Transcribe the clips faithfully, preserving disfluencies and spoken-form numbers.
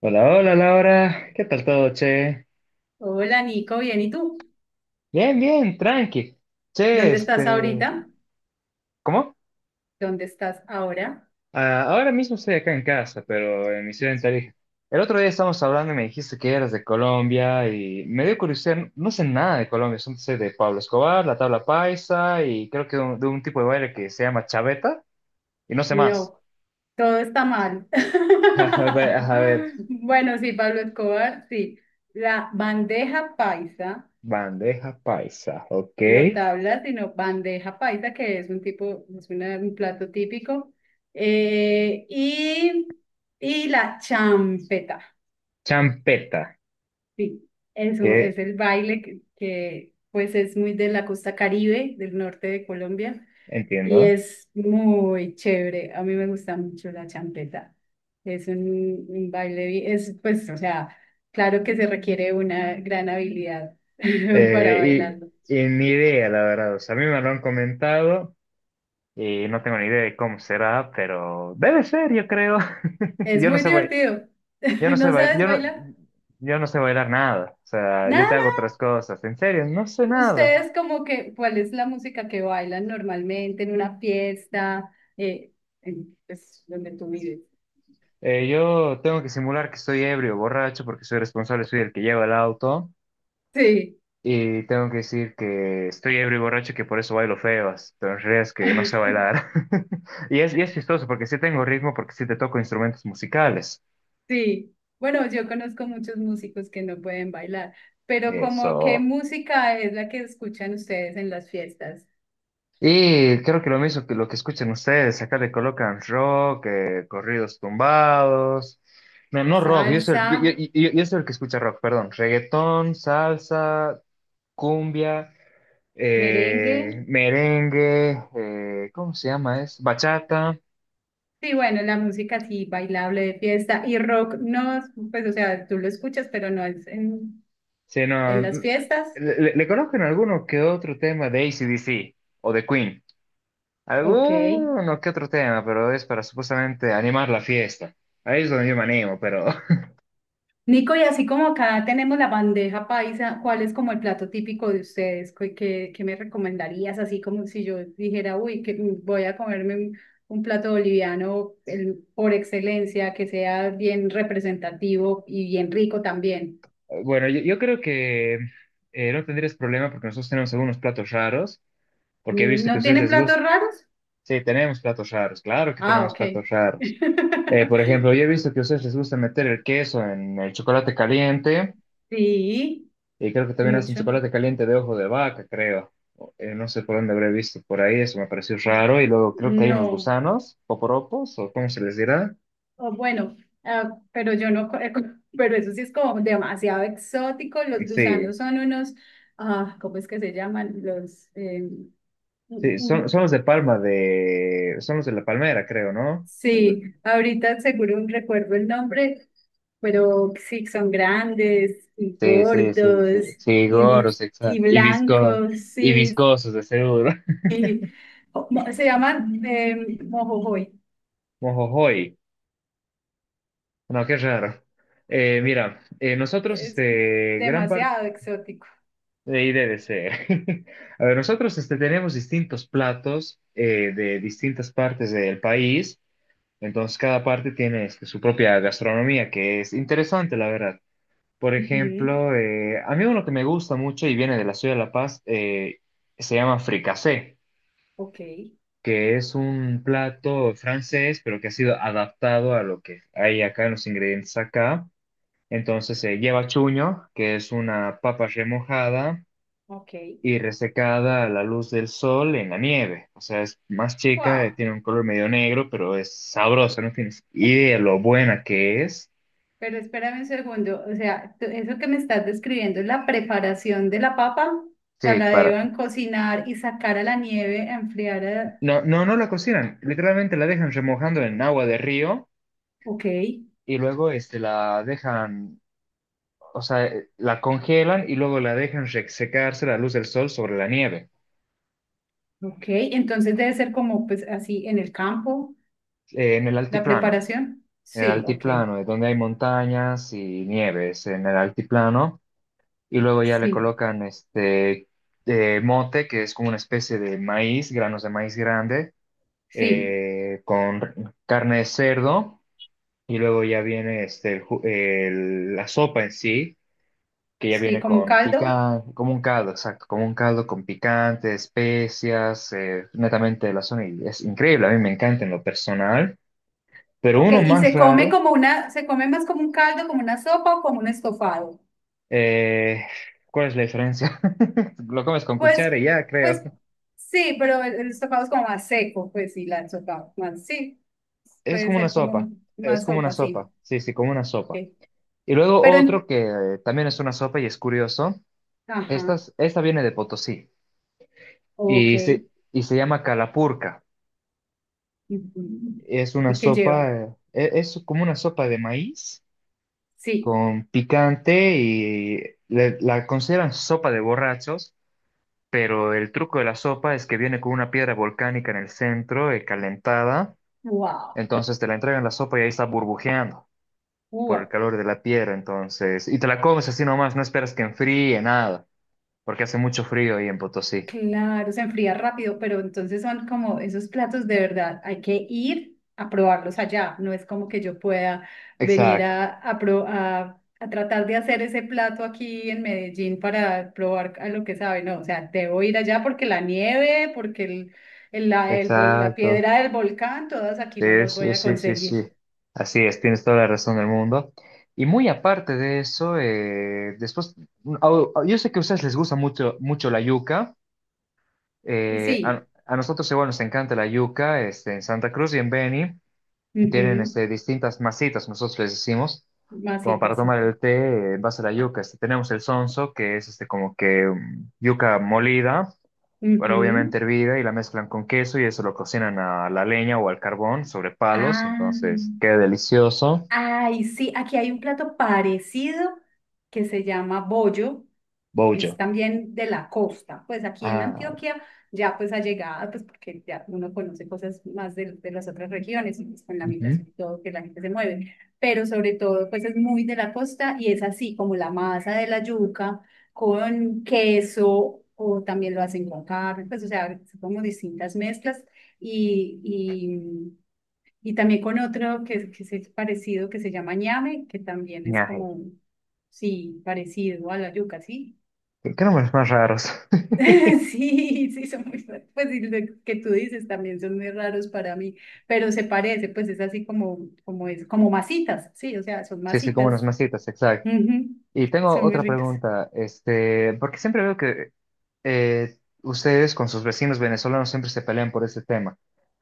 Hola, hola Laura, ¿qué tal todo, che? Hola Nico, bien, ¿y tú? Bien, bien, tranqui. Che, ¿Dónde estás este, ahorita? ¿cómo? ¿Dónde estás ahora? Ah, ahora mismo estoy acá en casa, pero en mi ciudad en Tarija. El otro día estábamos hablando y me dijiste que eras de Colombia y me dio curiosidad, no sé nada de Colombia, solo sé de Pablo Escobar, la tabla paisa y creo que de un, de un tipo de baile que se llama chaveta y no sé más. No, todo está mal. A ver, a ver, Bueno, sí, Pablo Escobar, sí. La bandeja paisa, bandeja paisa, ok. no tabla, sino bandeja paisa, que es un tipo, es una- un plato típico. Eh, y, y la champeta, Champeta, sí. Eso es un- que es el baile que, que, pues es muy de la costa Caribe, del norte de Colombia. Y entiendo. es muy chévere. A mí me gusta mucho la champeta. Es un, un baile, bi- es pues, o sea, claro que se requiere una gran habilidad para Eh, bailarlo. y, y ni idea, la verdad. O sea, a mí me lo han comentado y no tengo ni idea de cómo será, pero debe ser, yo creo. Es Yo no muy sé, bai- divertido. yo no sé ¿No bailar, sabes yo no, bailar? yo no sé bailar nada. O sea, yo Nada, te hago nada. otras cosas. En serio, no sé nada. Ustedes como que, ¿cuál es la música que bailan normalmente en una fiesta? Eh, en, pues, donde tú vives. Eh, yo tengo que simular que estoy ebrio, borracho, porque soy responsable, soy el que lleva el auto. Sí. Y tengo que decir que estoy ebrio y borracho, y que por eso bailo feas. Pero en realidad es que no sé bailar. Y es, y es chistoso porque sí tengo ritmo, porque sí te toco instrumentos musicales. Sí, bueno, yo conozco muchos músicos que no pueden bailar, pero como ¿qué Eso. música es la que escuchan ustedes en las fiestas? Y creo que lo mismo que lo que escuchan ustedes, acá le colocan rock, eh, corridos tumbados. No, no rock, yo soy, Salsa, yo, yo- yo- yo soy el que escucha rock, perdón. Reggaetón, salsa, cumbia, merengue, eh, merengue, eh, ¿cómo se llama? Es bachata. sí, bueno, la música sí, bailable de fiesta, y rock, no, pues o sea, tú lo escuchas, pero no es en, Sí, no, en las n- fiestas, le, le- le colocan alguno que otro tema de A C/D C o de Queen. ok. Alguno que otro tema, pero es para supuestamente animar la fiesta. Ahí es donde yo me animo, pero Nico, y así como acá tenemos la bandeja paisa, ¿cuál es como el plato típico de ustedes? ¿Qué, qué- qué me recomendarías? Así como si yo dijera, uy, que mm, voy a comerme un, un plato boliviano el- por excelencia, que sea bien representativo y bien rico también. bueno, yo, yo creo que eh, no tendrías problema porque nosotros tenemos algunos platos raros, porque he visto que a ¿No ustedes tienen les platos gusta. raros? Sí, tenemos platos raros, claro que Ah, tenemos ok. platos raros. Eh, por ejemplo, yo he visto que a ustedes les gusta meter el queso en el chocolate caliente, Sí, y creo que también hacen mucho. chocolate caliente de ojo de vaca, creo. Eh, no sé por dónde habré visto por ahí, eso me pareció raro. Y luego creo que hay unos No. gusanos, poporopos, o cómo se les dirá. O bueno, ah, pero yo no, co- pero eso sí es como demasiado exótico. Eh, Los sí, gusanos son unos, ah, ¿cómo es que se llaman? Los, eh, mm, sí, son, mm. son los de palma de. Son los de la palmera, creo, ¿no? Sí, ahorita seguro recuerdo el nombre, pero sí, son grandes y Sí, sí, sí, sí. gordos Sí, y, gordos, y exacto. Y visco, blancos, y sí, viscosos, de seguro. sí. O- mo- Se llaman eh, mojojoy. Mojojoy. No, qué raro. Eh, mira, eh, nosotros, Es este, gran parte demasiado exótico. de I D D C. A ver, nosotros, este, tenemos distintos platos eh, de distintas partes del país. Entonces, cada parte tiene este, su propia gastronomía, que es interesante, la verdad. Por Ujú, ejemplo, eh, a mí uno que me gusta mucho y viene de la ciudad de La Paz, eh, se llama fricasé. ok, Que es un plato francés, pero que ha sido adaptado a lo que hay acá en los ingredientes acá. Entonces eh, lleva chuño, que es una papa remojada ok. y resecada a la luz del sol en la nieve. O sea, es más chica, eh, Wow. tiene un color medio negro, pero es sabrosa, no tienes idea lo buena que es. Pero espérame un segundo, o sea, tú- eso que me estás describiendo es la preparación de la papa, o sea, Sí, la para... deben cocinar y sacar a la nieve a enfriar. a- No, no, no la cocinan, literalmente la dejan remojando en agua de río Ok, y luego este, la dejan o sea, eh, la congelan y luego la dejan re- secarse a la luz del sol sobre la nieve, ok, entonces debe ser como pues así en el campo, eh, en el la altiplano, preparación. en el Sí, ok, altiplano, es donde hay montañas y nieves, en el altiplano, y luego ya le sí, colocan este eh, mote, que es como una especie de maíz, granos de maíz grande, sí, eh, con carne de cerdo, y luego ya viene este, el ju- el- la sopa en sí que ya sí, viene como un con caldo. picante, como un caldo, exacto, como un caldo con picante, especias, eh, netamente de la zona. Y es increíble, a mí me encanta en lo personal, pero Ok, uno y más se come raro, como una, se come más como un caldo, como una sopa o como un estofado. eh, ¿cuál es la diferencia? Lo comes con Pues, cuchara y ya, pues creo. sí, pero el, el estofado es como más seco, pues sí, la sopa, más, sí, Es puede como una ser sopa, como es más como una sopa, sí. sopa, sí, sí, como una sopa. Ok. Y luego Pero, otro en- que eh, también es una sopa y es curioso, esta, ajá, es- esta viene de Potosí ok. y se, y se llama calapurca. Ujú. Es una ¿Y qué sopa, lleva? eh, e- es como una sopa de maíz Sí, con picante y le- la consideran sopa de borrachos, pero el truco de la sopa es que viene con una piedra volcánica en el centro, eh, calentada, wow, entonces te la entregan la sopa y ahí está burbujeando por el wow. calor de la piedra, entonces, y te la comes así nomás, no esperas que enfríe nada, porque hace mucho frío ahí en Potosí. Claro, se enfría rápido, pero entonces son como esos platos de verdad, hay que ir a probarlos allá, no es como que yo pueda venir Exacto, a, a, pro- a, a tratar de hacer ese plato aquí en Medellín para probar a lo que sabe, no, o sea, debo ir allá porque la nieve, porque el, el- la, el vol- la exacto. piedra del volcán, todas aquí no Sí, las voy sí, a sí, sí, conseguir. sí. Así es, tienes toda la razón del mundo. Y muy aparte de eso, eh, después, mm, au- au- yo sé que a ustedes les gusta mucho, mucho la yuca. Y sí, eh, a, a nosotros igual nos encanta la yuca. Este, en Santa Cruz y en Beni tienen ujú, este, distintas masitas, nosotros les decimos, como masita, para sí. tomar el té eh, en base a la yuca. Este, tenemos el sonso, que es este, como que mm, yuca molida pero obviamente Ujú. hervida y la mezclan con queso y eso lo cocinan a la leña o al carbón sobre palos, Ah. entonces queda delicioso. Ay, sí, aquí hay un plato parecido que se llama bollo, es Bollo. también de la costa, pues aquí en Ah, Antioquia ya pues ha llegado, pues porque ya uno conoce cosas más de, de las otras regiones, y, pues, con la ujú. migración y todo, que la gente se mueve, pero sobre todo pues es muy de la costa y es así como la masa de la yuca con queso o también lo hacen con carne, pues o sea, son como distintas mezclas y, y también con otro que, que es parecido, que se llama ñame, que también es Ñaje. como, un- sí, parecido a la yuca, ¿sí? ¿Qué qué nombres más raros? Sí, sí, son muy, ra- pues y lo que tú dices también son muy raros para mí, pero se parece, pues es así como, como es, como masitas, sí, o sea, son Sí, sí, como unas masitas, masitas, exacto. ujú. Y tengo Son muy otra ricas. pregunta, este, porque siempre veo que eh, ustedes con sus vecinos venezolanos siempre se pelean por este tema.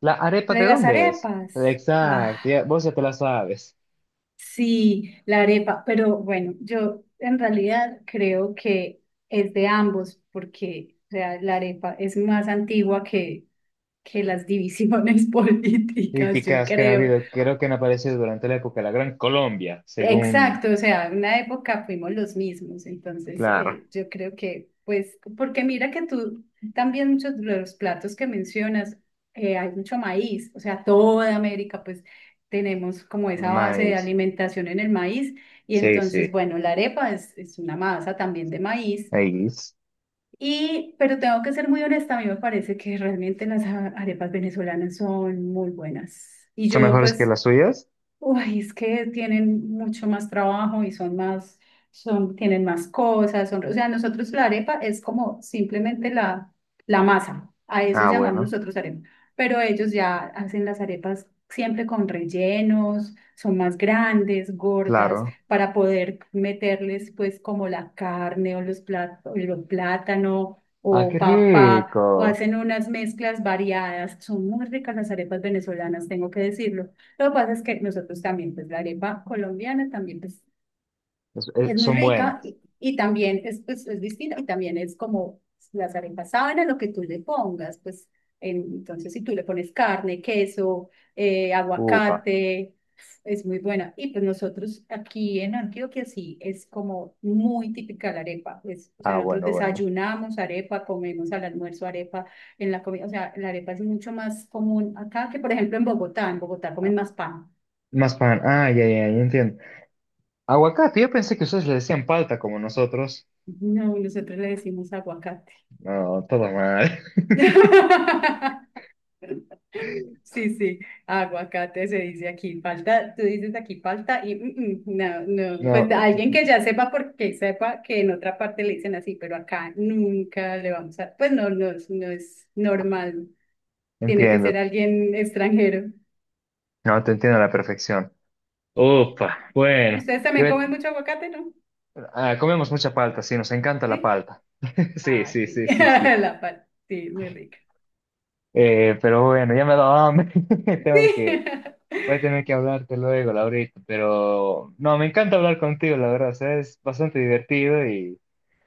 ¿La arepa La de de las dónde es? arepas, ¡guau! Exacto, ya- vos ya te la sabes. Sí, la arepa, pero bueno, yo en realidad creo que es de ambos, porque o sea, la arepa es más antigua que, que las divisiones políticas, yo Críticas que han creo. habido, creo que han aparecido durante la época de la Gran Colombia, según Exacto, o sea, en una época fuimos los mismos, entonces claro, eh, yo creo que, pues, porque mira que tú también muchos de los platos que mencionas, eh, hay mucho maíz, o sea, toda América, pues, tenemos como esa base de maíz. alimentación en el maíz, y Sí, entonces, sí. bueno, la arepa es, es una masa también de maíz, Maíz. y, pero tengo que ser muy honesta, a mí me parece que realmente las a- arepas venezolanas son muy buenas, y ¿Son yo, mejores que pues, las suyas? uy, es que tienen mucho más trabajo y son más, son, tienen más cosas, son, o sea, nosotros la arepa es como simplemente la, la masa, a eso Ah, llamamos bueno, nosotros arepa, pero ellos ya hacen las arepas siempre con rellenos, son más grandes, gordas, claro. para poder meterles pues como la carne o los plátanos, o plátano Ah, o qué papa, o rico. hacen unas mezclas variadas, son muy ricas las arepas venezolanas, tengo que decirlo. Lo que pasa es que nosotros también, pues la arepa colombiana también pues, Es- eh, es muy son rica buenos. y, y también es, pues, es distinta y también es como las arepas saben a lo que tú le pongas, pues en- entonces si tú le pones carne, queso, eh, Ufa. aguacate, es muy buena. Y pues nosotros aquí en Antioquia sí, es como muy típica la arepa, pues, o sea, Ah, nosotros bueno, bueno. desayunamos arepa, comemos al almuerzo arepa en la comida, o sea, la arepa es mucho más común acá que por ejemplo en Bogotá, en Bogotá Ah, comen más pan. más pan. Ah, ya, ya, ya entiendo. Aguacate, yo pensé que ustedes le decían palta como nosotros. No, nosotros le decimos aguacate. No, todo mal. Sí, sí, aguacate se dice aquí, falta, tú dices aquí falta y mm, mm, no, no, pues No, alguien que ya sepa porque sepa que en otra parte le dicen así, pero acá nunca le vamos a, pues no, no, es- no es normal, tiene que ser entiendo. alguien extranjero. No, te entiendo a la perfección. Ufa, ¿Y bueno. ustedes Yo- también comen mucho aguacate, no? ah, comemos mucha palta, sí, nos encanta la Sí. palta. Sí, Ah, sí, sí, sí, sí, sí. la parte, sí, muy rica. Eh, pero bueno, ya me ha dado hambre. Tengo Sí. que, voy a tener que hablarte luego, Laurita. Pero no, me encanta hablar contigo, la verdad. O sea, es bastante divertido y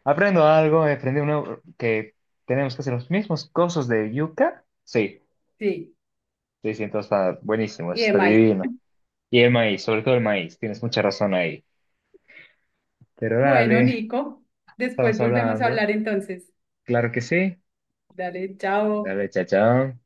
aprendo algo. Aprendí un nuevo- que tenemos que hacer los mismos cosas de yuca. Sí, Sí, sí, sí, entonces está buenísimo, y de está maíz. divino. Y el maíz, sobre todo el maíz, tienes mucha razón ahí. Pero Bueno, dale, Nico, después estamos volvemos a hablando. hablar entonces. Claro que sí. Dale, chao. Dale, chao, chao.